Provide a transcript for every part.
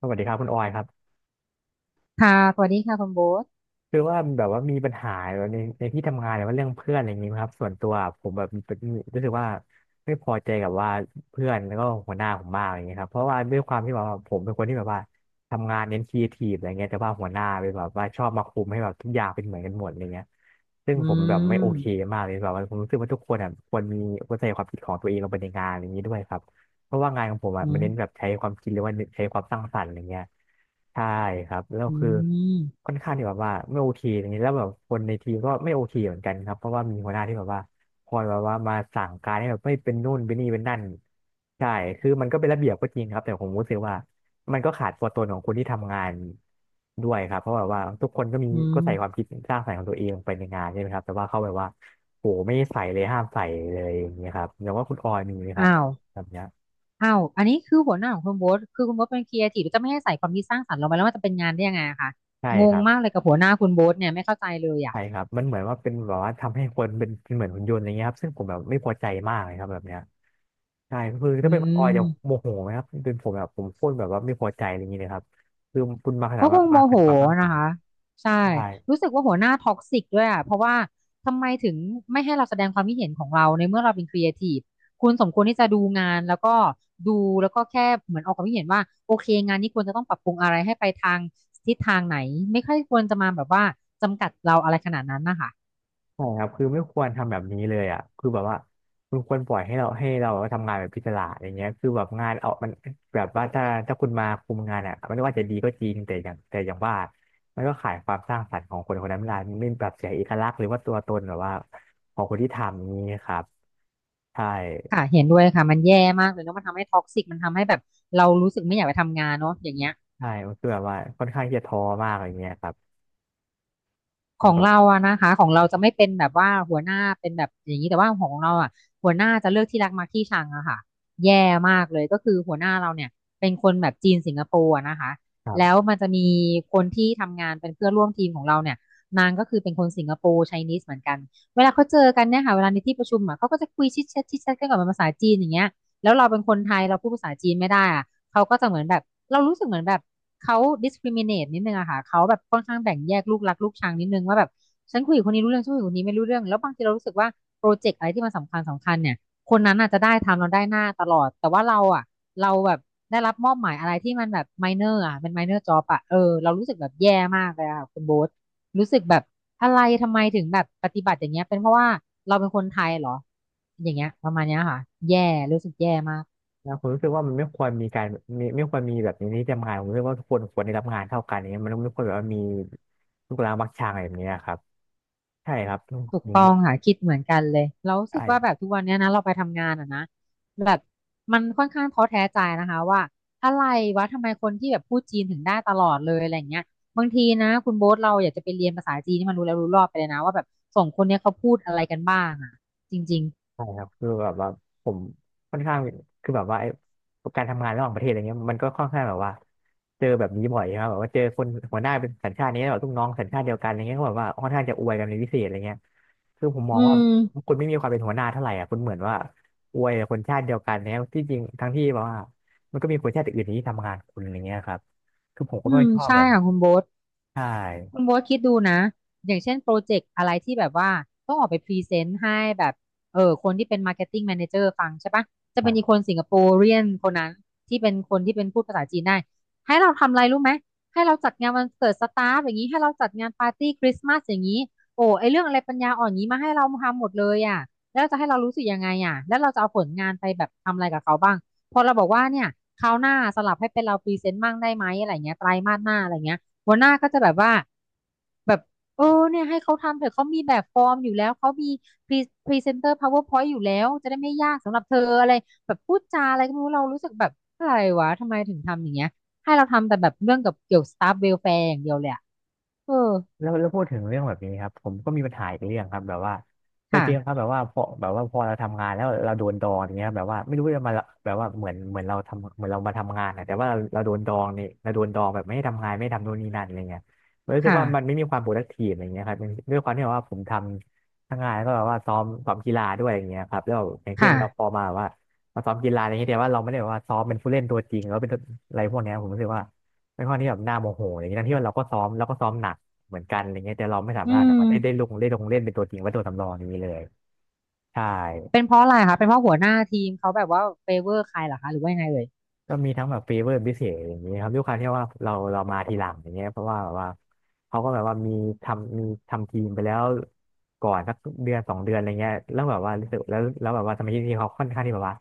สวัสดีครับคุณออยครับค่ะสวัสดีค่ะคุณโบ๊ทคือว่าแบบว่ามีปัญหาแบบในที่ทำงานหรือว่าเรื่องเพื่อนอะไรอย่างนี้ไหมครับส่วนตัวผมแบบมีรู้สึกว่าไม่พอใจกับว่าเพื่อนแล้วก็หัวหน้าผมมากอย่างเงี้ยครับเพราะว่าด้วยความที่แบบว่าผมเป็นคนที่แบบว่าทำงานเน้นครีเอทีฟอะไรเงี้ยแต่ว่าหัวหน้าเป็นแบบว่าชอบมาคุมให้แบบทุกอย่างเป็นเหมือนกันหมดอะไรเงี้ยซึ่งอืผมแบบไม่โอเคมมากเลยแบบว่าผมรู้สึกว่าทุกคนอ่ะควรมีควรใส่ความคิดของตัวเองลงไปในงานอะไรอย่างนี้ด้วยครับ เพราะว่างานของผมอ่ะอืมันเน้นแบมบใช้ความคิดหรือว่าใช้ความสร้างสรรค์อะไรเงี้ยใช่ครับแล้วอืคือมค่อนข้างที่แบบว่าไม่โอเคอย่างนี้ยแล้วแบบคนในทีมก็ไม่โอเคเหมือนกันครับเพราะว่ามีหัวหน้าที่แบบว่าคอยแบบว่ามาสั่งการให้แบบไม่เป็นนู่นเป็นนี่เป็นนั่นใช่คือมันก็เป็นระเบียบก็จริงครับแต่ผมรู้สึกว่ามันก็ขาดตัวตนของคนที่ทำงานด้วยครับเพราะแบบว่าทุกคนก็มีอืก็มใส่ความคิดสร้างสรรค์ของตัวเองลงไปในงานใช่ไหมครับแต่ว่าเขาแบบว่าโหไม่ใส่เลยห้ามใส่เลยอย่างเงี้ยครับอย่างว่าคุณออยมีไหมครับอ้าวแบบเนี้ย อ้าวอันนี้คือหัวหน้าของคุณโบ๊ทคือคุณโบ๊ทเป็นครีเอทีฟจะไม่ให้ใส่ความคิดสร้างสรรค์ลงไปแล้วมันจะเป็นงานได้ยังไงอะคะใช่งคงรับมากเลยกับหัวหน้าคุณโบ๊ทเนี่ยไม่เข้าใจเลยอ่ะใช่ครับมันเหมือนว่าเป็นแบบว่าทำให้คนเป็นเหมือนหุ่นยนต์อย่างเงี้ยครับซึ่งผมแบบไม่พอใจมากเลยครับแบบเนี้ยใช่คืออืถ้าเป็นคุณออยม จะโมโหไหมครับเป็นผมแบบผมโคตรแบบว่าไม่พอใจอะไรอย่างเงี้ยเลยครับคือคุณมาขนาเขาดคว่างโมมาขโหนาดความสร้างสรนะรค์คะใช่ใช่ รู้สึกว่าหัวหน้าท็อกซิกด้วยอ่ะเพราะว่าทำไมถึงไม่ให้เราแสดงความคิดเห็นของเราในเมื่อเราเป็นครีเอทีฟคุณสมควรที่จะดูงานแล้วก็ดูแล้วก็แค่เหมือนออกความคิดเห็นว่าโอเคงานนี้ควรจะต้องปรับปรุงอะไรให้ไปทางทิศทางไหนไม่ค่อยควรจะมาแบบว่าจำกัดเราอะไรขนาดนั้นนะคะใช่ครับคือไม่ควรทำแบบนี้เลยอ่ะคือแบบว่าคุณควรปล่อยให้เราทำงานแบบพิจารณาอย่างเงี้ยคือแบบงานเอามันแบบว่าถ้าคุณมาคุมงานอ่ะไม่ว่าจะดีก็จริงแต่อย่างว่ามันก็ขายความสร้างสรรค์ของคนคนนั้นไม่ได้ไม่แบบเสียเอกลักษณ์หรือว่าตัวตนแบบว่าของคนที่ทำอย่างนี้ครับใช่ค่ะเห็นด้วยค่ะมันแย่มากเลยเนาะมันทำให้ท็อกซิกมันทำให้แบบเรารู้สึกไม่อยากไปทำงานเนาะอย่างเงี้ย ใช่มันคือแบบว่าค่อนข้างที่จะท้อมากอย่างเงี้ยครับผขมองแบบ เราอะนะคะของเราจะไม่เป็นแบบว่าหัวหน้าเป็นแบบอย่างนี้แต่ว่าของเราอะหัวหน้าจะเลือกที่รักมักที่ชังอะค่ะแย่มากเลยก็คือหัวหน้าเราเนี่ยเป็นคนแบบจีนสิงคโปร์อะนะคะแล้วมันจะมีคนที่ทำงานเป็นเพื่อนร่วมทีมของเราเนี่ยนางก็คือเป็นคนสิงคโปร์ไชนีสเหมือนกันเวลาเขาเจอกันเนี่ยค่ะเวลาในที่ประชุมอะเขาก็จะคุยชิดแชทชิดแชทกันก่อนเป็นภาษาจีนอย่างเงี้ย แล้วเราเป็นคนไทยเราพูดภาษาจีนไม่ได้อะเขาก็จะเหมือนแบบเรารู้สึกเหมือนแบบเขา discriminate นิดนึงอะค่ะเขาแบบค่อนข้างแบ่งแยกลูกรักลูกชังนิดนึงว่าแบบฉันคุยกับคนนี้รู้เรื่องฉันคุยกับคนนี้ไม่รู้เรื่องแล้วบางทีเรารู้สึกว่าโปรเจกต์อะไรที่มันสำคัญสำคัญเนี่ยคนนั้นอาจจะได้ทำเราได้หน้าตลอดแต่ว่าเราอะเราแบบได้รับมอบหมายอะไรที่มันแบบ minor อะเป็น minor job อะเออเรารู้สึกแบบแย่มากเลยอะค่ะคุณโบ๊ทรู้สึกแบบอะไรทำไมถึงแบบปฏิบัติอย่างเงี้ยเป็นเพราะว่าเราเป็นคนไทยเหรอ อย่างเงี้ยประมาณเนี้ยค่ะแย่รู้สึกแย่มากนะผมรู้สึกว่ามันไม่ควรมีการมีไม่ควรมีแบบนี้ในที่ทำงานผมรู้สึกว่าทุกคนควรได้รับงานเท่ากันอย่างเนี้ยมันไม่ควรแบบว่ามีลูกหลานมักชางอะไรแบบเนี้ยครับใช่ครับถูกผมต้องค่ะคิดเหมือนกันเลยเรารู้สึกว่าแบใช่บทุกวันเนี้ยนะเราไปทำงานอ่ะนะแบบมันค่อนข้างท้อแท้ใจนะคะว่าอะไรวะทำไมคนที่แบบพูดจีนถึงได้ตลอดเลยอะไรเงี้ยบางทีนะคุณโบ๊ทเราอยากจะไปเรียนภาษาจีนที่มันรู้แล้วรู้รอบไปเลยนะว่าแบบสองคนเนี้ยเขาพูดอะไรกันบ้างอ่ะจริงใช่ครับคือแบบว่าผมค่อนข้างคือแบบว่าไอ้การทำงานระหว่างประเทศอะไรเงี้ยมันก็ค่อนข้างแบบว่าเจอแบบนี้บ่อยครับแบบว่าเจอคนหัวหน้าเป็นสัญชาตินี้แล้วแบบลูกน้องสัญชาติเดียวกันอะไรเงี้ยก็แบบว่าค่อนข้างจะอวยกันในพิเศษอะไรเงี้ย คือผมๆมอืองว่ามคุณไม่มีความเป็นหัวหน้าเท่าไหร่อ่ะคุณเหมือนว่าอวยคนชาติเดียวกันเนี่ยที่จริงทั้งที่แบบว่ามันก็มีคนชาติอื่นที่ทำงานคุณอย่างเงี้ยครับคือผมก็อืไม่มชอบใช่แบบนั้นค่ะคุณโบ๊ท ใช่ คุณโบ๊ทคิดดูนะอย่างเช่นโปรเจกต์อะไรที่แบบว่าต้องออกไปพรีเซนต์ให้แบบเออคนที่เป็นมาร์เก็ตติ้งแม e r เจอร์ฟังใช่ปะจะเป็นอีกคนสิงคโปร์เรียนคนนั้นที่เป็นคนที่เป็นพูดภาษาจีนได้ให้เราทำอะไรรู้ไหมให้เราจัดงานวันเกิดสตาฟอย่างนี้ให้เราจัดงานปาร์ตี้คริสต์มาสอย่างนี้โอ้ไอเรื่องอะไรปัญญาอ่อนอย่างนี้มาให้เราทำหมดเลยอ่ะแล้วจะให้เรารู้สึกยังไงอ่ะแล้วเราจะเอาผลงานไปแบบทำอะไรกับเขาบ้างพอเราบอกว่าเนี่ยคราวหน้าสลับให้เป็นเราพรีเซนต์บ้างได้ไหมอะไรเงี้ยไตรมาสหน้าอะไรเงี้ย หัวหน้าก็จะแบบว่าแบบเออเนี่ยให้เขาทำเถอะเขามีแบบฟอร์มอยู่แล้วเขามีพรีพรีเซนเตอร์ PowerPoint อยู่แล้วจะได้ไม่ยากสำหรับเธออะไรแบบพูดจาอะไรก็ไม่รู้เรารู้สึกแบบอะไรวะทำไมถึงทำอย่างเงี้ยให้เราทำแต่แบบเรื่องกับเกี่ยวสตาฟเวลแฟร์อย่างเดียวเลยอะเออแล้วพูดถึงเรื่องแบบนี้ครับผมก็มีปัญหาอีกเรื่องครับแบบว่าเคยเจอครับค่ะแบบว่าพอเราทำงานแล้วเราโดนดองอย่างเงี้ยครับแบบว่าไม่รู้จะมาแบบว่าเหมือนเราทำเหมือนเรามาทำงานอะแต่ว่าเราโดนดองเนี่ยเราโดนดองแบบไม่ให้ทำงานไม่ทำโน่นนี่นั่นอะไรเงี้ยมรู้สึกค่ะว่ามันไม่มีความ productive อะไรเงี้ยครับมันด้วยความที่แบบว่าผมทำทั้งงานแล้วก็แบบว่าซ้อมกีฬาด้วยอย่างเงี้ยครับแล้วอย่างเช่นเราพอค่ะมาแบบว่ามาซ้อมกีฬาอะไรเงี้ยแต่ว่าเราไม่ได้แบบว่าซ้อมเป็นผู้เล่นตัวจริงแล้วเป็นอะไรพวกเนี้ยผมรู้สึกว่าเป็นข้อที่แบบน่าโมโหอย่างนี้ทั้งที่ว่าเราก็ซ้อมเราก็ซ้อมหนัก เหมือนกันอะไรเงี้ยแต่เราไม่สาอืมารถแบบมว่าได้ลงเล่นเป็นตัวจริงว่าตัวสำรองอย่างนี้เลยใช่เป็นเพราะอะไรคะเป็นเพราะหัวหน้าทีมเขาแบบว่าเฟเวอร์ใครเหรอคะหรือว่ายังไงเอ่ยก็มีทั้งแบบฟีเวอร์พิเศษอย่างนี้ครับด้วยความที่ว่าเรามาทีหลังอย่างเงี้ยเพราะว่าแบบว่าเขาก็แบบว่ามีทำมีทำทีมไปแล้วก่อนสักเดือนสองเดือนอะไรเงี้ยแล้วแบบว่ารู้สึกแล้วแล้วแบบว่าสมาชิกทีมเขาค่อนข้างที่แบบว่า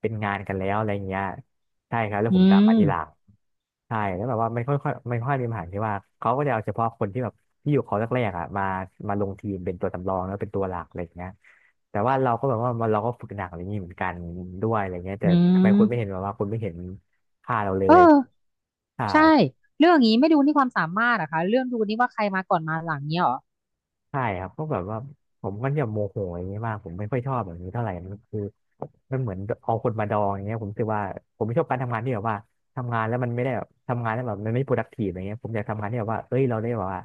เป็นงานกันแล้วอะไรเงี้ยใช่ครับแล้วอืผมตามมมาทีหลังใช่แล้วแบบว่ามันค่อยค่อยมันค่อยมีปัญหาที่ว่าเขาก็จะเอาเฉพาะคนที่แบบที่อยู่เขาแรกๆอ่ะมาลงทีมเป็นตัวสำรองแล้วเป็นตัวหลักอะไรเงี้ย แต่ว่าเราก็แบบว่ามันเราก็ฝึกหนักอะไรอย่างนี้เหมือนกันด้วยอะไรเงี้ยแต่อืทำไมมคนไม่เห็นค่าเราเลเอยอ ใช่ใช่เรื่องอย่างนี้ไม่ดูนี่ความสามารถอะคะเรื่องดูนี่ว่าใครมาก่อนมาหลังเนี้ยเหรอใช่ครับก็แบบว่าผมก็จะโมโหอย่างเงี้ยมากผมไม่ค่อยชอบแบบนี้เท่าไหร่มันคือมันเหมือนเอาคนมาดองอย่างเงี้ยผมรู้สึกว่าผมไม่ชอบการทำงานที่แบบว่าทำงานแล้วมันไม่ได้แบบทำงานแล้วแบบมันไม่ productive อะไรเงี้ยผมอยากทำงานที่แบบว่าเอ้ยเราได้แบบว่า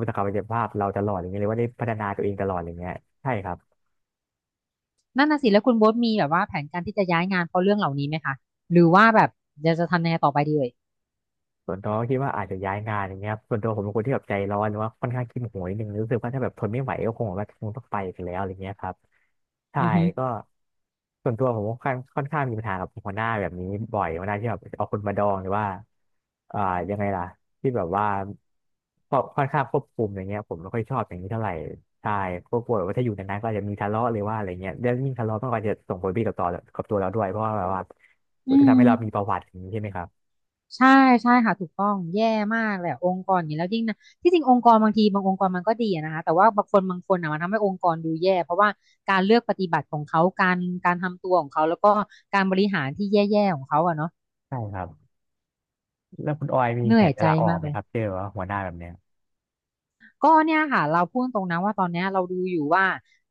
มีศักยภาพเราตลอดอย่างเงี้ยเลยว่าได้พัฒนาตัวเองตลอดอย่างเงี้ยใช่ครับ นั่นน่ะสิแล้วคุณโบ๊ทมีแบบว่าแผนการที่จะย้ายงานเพราะเรื่องเหล่านี้ไหมคะหรือว่าแบบจะทำยังไงต่อไปดีเอ่ยส่วนตัวก็คิดว่าอาจจะย้ายงานอย่างเงี้ยครับส่วนตัวผมเป็นคนที่แบบใจร้อนหรือว่าค่อนข้างขี้โหยนิดนึงรู้สึกว่าถ้าแบบทนไม่ไหวก็คงแบบว่าคงต้องไปกันแล้วอะไรเงี้ยครับใช่อือฮึก็ส่วนตัวผมค่อนข้างมีปัญหากับหัวหน้าแบบนี้บ่อยหัวหน้าที่แบบเอาคนมาดองหรือว่าอ่ายังไงล่ะที่แบบว่าก็ค่อนข้างควบคุมอย่างเงี้ยผมไม่ค่อยชอบอย่างนี้เท่าไหร่ใช่ก็กลัวแบบว่าถ้าอยู่นานๆก็อาจจะมีทะเลาะหรือว่าอะไรเงี้ยแล้วยิ่งทะเลาะมันก็อาจจะส่งผลดีต่อตัวเราด้วยเพราะว่าแบบว่าอืก็มทำให้เรามีประวัติอย่างนี้ใช่ไหมครับใช่ใช่ค่ะถูกต้องแย่มากเลยอะองค์กรอย่างนี้แล้วยิ่งนะที่จริงองค์กรบางทีบางองค์กรมันก็ดีอะนะคะแต่ว่าบางคนบางคนอะมันทำให้องค์กรดูแย่เพราะว่าการเลือกปฏิบัติของเขาการทำตัวของเขาแล้วก็การบริหารที่แย่ๆของเขาอะเนาะใช่ครับ แล้วคุณออยมีเหแผนื่อยนจะใจลาออกมากไหมเลย ครับเจอว่าหัวหน้าแบบเนี้ยก็เนี่ยค่ะเราพูดตรงนะว่าตอนเนี้ยเราดูอยู่ว่า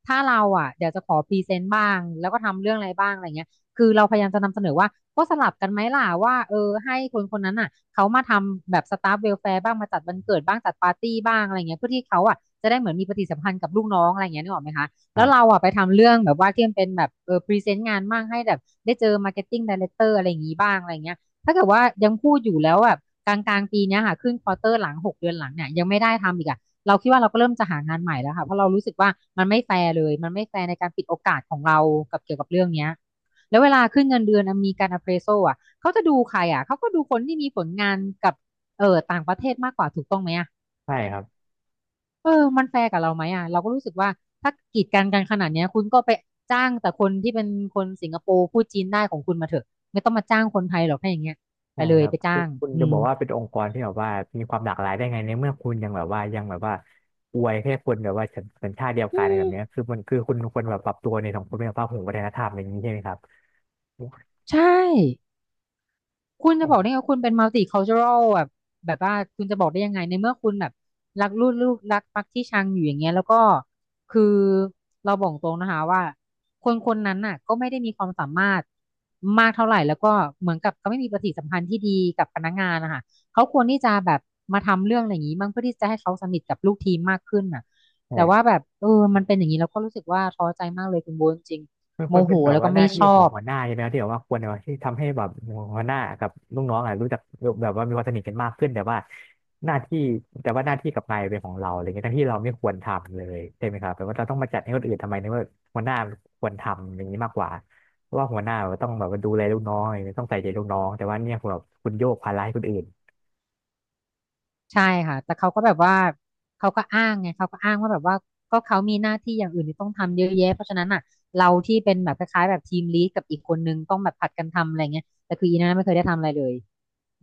ถ้าเราอ่ะเดี๋ยวจะขอพรีเซนต์บ้างแล้วก็ทำเรื่องอะไรบ้างอะไรเงี้ยคือเราพยายามจะนำเสนอว่าก็สลับกันไหมล่ะว่าเออให้คนคนนั้นอ่ะเขามาทำแบบสตาฟเวลแฟร์บ้างมาจัดวันเกิดบ้างจัดปาร์ตี้บ้างอะไรเงี้ยเพื่อที่เขาอ่ะจะได้เหมือนมีปฏิสัมพันธ์กับลูกน้องอะไรเงี้ยนึกออกไหมคะคแล้รัวเราบอ่ะไปทำเรื่องแบบว่าที่มันเป็นแบบเออพรีเซนต์งานบ้างให้แบบได้เจอมาร์เก็ตติ้งไดเรคเตอร์อะไรอย่างงี้บ้างอะไรเงี้ยถ้าเกิดว่ายังพูดอยู่แล้วแบบกลางปีเนี้ยค่ะขึ้นควอเตอร์หลัง6 เดือนหลังเนี่ยยังไม่ได้ทำอีกอะ เราคิดว่าเราก็เริ่มจะหางานใหม่แล้วค่ะเพราะเรารู้สึกว่ามันไม่แฟร์เลยมันไม่แฟร์ในการปิดโอกาสของเรากับเกี่ยวกับเรื่องเนี้ยแล้วเวลาขึ้นเงินเดือนอ่ะมีการ appraisal อ่ะเขาจะดูใครอ่ะเขาก็ดูคนที่มีผลงานกับเออต่างประเทศมากกว่าถูกต้องไหมอ่ะใช่ครับเออมันแฟร์กับเราไหมอ่ะเราก็รู้สึกว่าถ้ากีดกันกันขนาดเนี้ยคุณก็ไปจ้างแต่คนที่เป็นคนสิงคโปร์พูดจีนได้ของคุณมาเถอะไม่ต้องมาจ้างคนไทยหรอกถ้าอย่างเงี้ยไปใช่เลคยรับไปคืจ้าองคุณอืจะบมอกว่าเป็นองค์กรที่แบบว่ามีความหลากหลายได้ไงในเมื่อคุณยังแบบว่ายังแบบว่าอวยแค่คนแบบว่าสัญชาติเดียวกัอืนอะไรแบมบเนี้ยคือคุณควรแบบปรับตัวในสังคมในสภาพของวัฒนธรรมอะไรอย่างนี้ใช่ไหมครับใช่ คุณจะบอกได้ไงว่าคุณเป็น multicultural แบบแบบว่าคุณจะบอกได้ยังไงในเมื่อคุณแบบรักลูกรักปักที่ชังอยู่อย่างเงี้ยแล้วก็คือเราบอกตรงนะคะว่าคนคนนั้นน่ะก็ไม่ได้มีความสามารถมากเท่าไหร่แล้วก็เหมือนกับเขาไม่มีปฏิสัมพันธ์ที่ดีกับพนักงานนะคะเขาควรที่จะแบบมาทำเรื่องอะไรอย่างนี้บ้างเพื่อที่จะให้เขาสนิทกับลูกทีมมากขึ้นน่ะแต่ว่าใช่ แบบเออมันเป็นอย่างนี้เราก็รู้สึกว่าท้อใจมากเลยคุณโบนจริงมันโมควรโหเป็นแบบแล้วว่าก็หไม่น้าที่ชขอองบ หัวหน้าใช่ไหมครับที่แบบว่าควรแบบว่าที่ทำให้แบบหัวหน้ากับลูกน้องอ่ะรู้จักแบบว่ามีความสนิทกันมากขึ้นหน้าที่แต่ว่าหน้าที่กับนายเป็นของเราอะไรเงี้ยทั้งที่เราไม่ควรทำเลยใช่ไหมครับแปลว่าเราต้องมาจัดให้คนอื่นทำไมในเมื่อหัวหน้าควรทำอย่างนี้มากกว่าเพราะว่าหัวหน้าแบบต้องแบบว่าดูแลลูกน้องอะไรเงี้ยต้องใส่ใจลูกน้องแต่ว่าเนี่ยคุณแบบคุณโยกภาระให้คนอื่นใช่ค่ะแต่เขาก็แบบว่าเขาก็อ้างไงเขาก็อ้างว่าแบบว่าก็เขามีหน้าที่อย่างอื่นที่ต้องทำเยอะแยะเพราะฉะนั้นอ่ะเราที่เป็นแบบคล้ายๆแบบทีมลีดกับอีกคนนึงต้องแบบผัดกันทำอะไรเงี้ยแต่คืออีน่าไม่เคยได้ทำอะไรเลย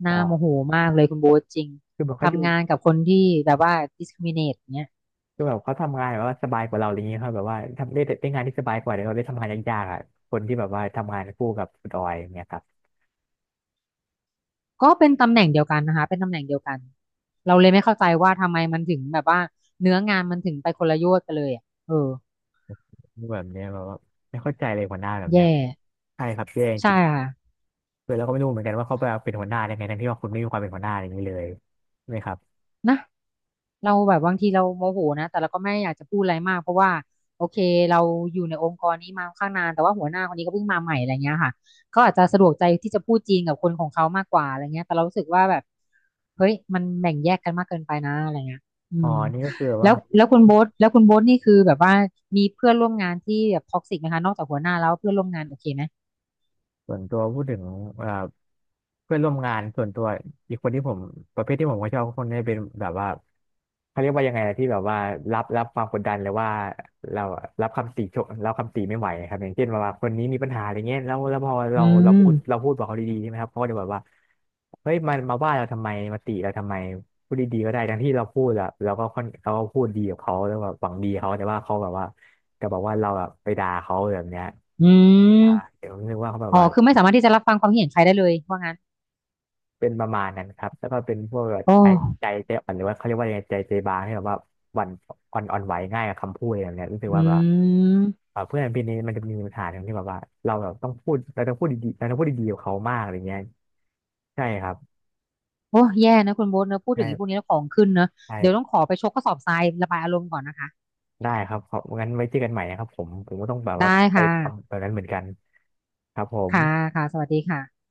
น่าโมโหอ่ามากเลยคุณโบ๊ทจริงคือแบบเขาอยู่ทำงานกับคนที่แบบว่า discriminate เนี้ยคือแบบเขาทำงานแบบว่าสบายกว่าเราอะไรเงี้ยครับแบบว่าทำได้ได้งานที่สบายกว่าเดี๋ยวเราได้ทำงานยากๆอ่ะคนที่แบบว่าทำงานคู่กับคุณออยอย่างเงี้ยครับ ก็เป็นตำแหน่งเดียวกันนะคะเป็นตำแหน่งเดียวกันเราเลยไม่เข้าใจว่าทำไมมันถึงแบบว่าเนื้องานมันถึงไปคนละโยชน์กันเลยอะเออแบบเนี้ยแบบว่าไม่เข้าใจเลยหัวหน้าแบบเนี้ยแย่ใช่ครับแย่จใช่ริงค่ะเลยแล้วก็ไม่รู้เหมือนกันว่าเขาไปเป็นหัวหน้าได้ไงทั้งที่ว่าคุณไม่มีความเป็นหัวหน้าอย่างนี้เลยใช่ไหมครับนะ เราแบบบางทีเราโมโหนะแต่เราก็ไม่อยากจะพูดอะไรมากเพราะว่าโอเคเราอยู่ในองค์กรนี้มาค่อนข้างนานแต่ว่าหัวหน้าคนนี้ก็เพิ่งมาใหม่อะไรเงี้ยค่ะเขาอาจจะสะดวกใจที่จะพูดจีนกับคนของเขามากกว่าอะไรเงี้ยแต่เรารู้สึกว่าแบบเฮ้ยมันแบ่งแยกกันมากเกินไปนะอะไรเงี้ยอือ๋อมนี่ก็คือแล้ว่าวแล้วคุณโบ๊ทแล้วคุณโบ๊ทนี่คือแบบว่ามีเพื่อนร่วมงานที่แบบท็อกซิกไหมคะนอกจากหัวหน้าแล้วเพื่อนร่วมงานโอเคไหมส่วนตัวพูดถึงเอ่อเพื่อนร่วมงานส่วนตัวอีกคนที่ผมประเภทที่ผมก็ชอบคนนี้เป็นแบบว่า เขาเรียกว่ายังไงนะที่แบบว่ารับความกดดันเลยว่าเรารับคำติไม่ไหวครับอย่างเช่นว่าคนนี้มีปัญหาอะไรเงี้ยแล้วแล้วพอเราอืเราพูมดเราพูดบอกเขาดีๆใช่ไหมครับเขาก็จะแบบว่าเฮ้ยมันมาว่าเราทำไมมาติเราทำไมพูดดีๆก็ได้ทั้งที่เราพูดอะเราก็พูดดีกับเขาแล้วแบบหวังดีเขาแต่ว่าเขาแบบว่าก็บอกว่าเราแบบไปด่าเขาแบบเนี้ยอือ่ามเดี๋ยวผมนึกว่าเขาแบบอ๋อว่า คือไม่สามารถที่จะรับฟังความคิดเห็นใครได้เลยว่างั้นเป็นประมาณนั้นครับแล้วก็เป็นพวกแบบโอใจ้ใจอ่อนหรือว่าเขาเรียกว่ายังไงใจบางที่แบบว่าหวั่นอ่อนอ่อนไหวง่ายกับคำพูดอะไรแบบเนี้ยรู้สึกอืว่าแบบม เพื่อนพี่นี้มันจะมีปัญหาตรงที่แบบว่าเราแบบต้องพูดเราต้องพูดดีๆเราต้องพูดดีๆกับเขามากอะไรเงี้ยใช่ครับโอ้แย่นะคุณโบ๊ทเนอะพูดถึงไอ้พวกใช่นี้แล้วของขึ้นเนอะเดี๋ยวต้องใช่ขอไปชกข้อสอบทรายระบายอารมณ์ก่อนนะคะได้ครับขอบงั้นไว้เจอกันใหม่นะครับผมก็ต้องแบบว่าได้ไปค่ะทำแบบนั้นเหมือนกันครับผมค่ะค่ะสวัสดีค่ะ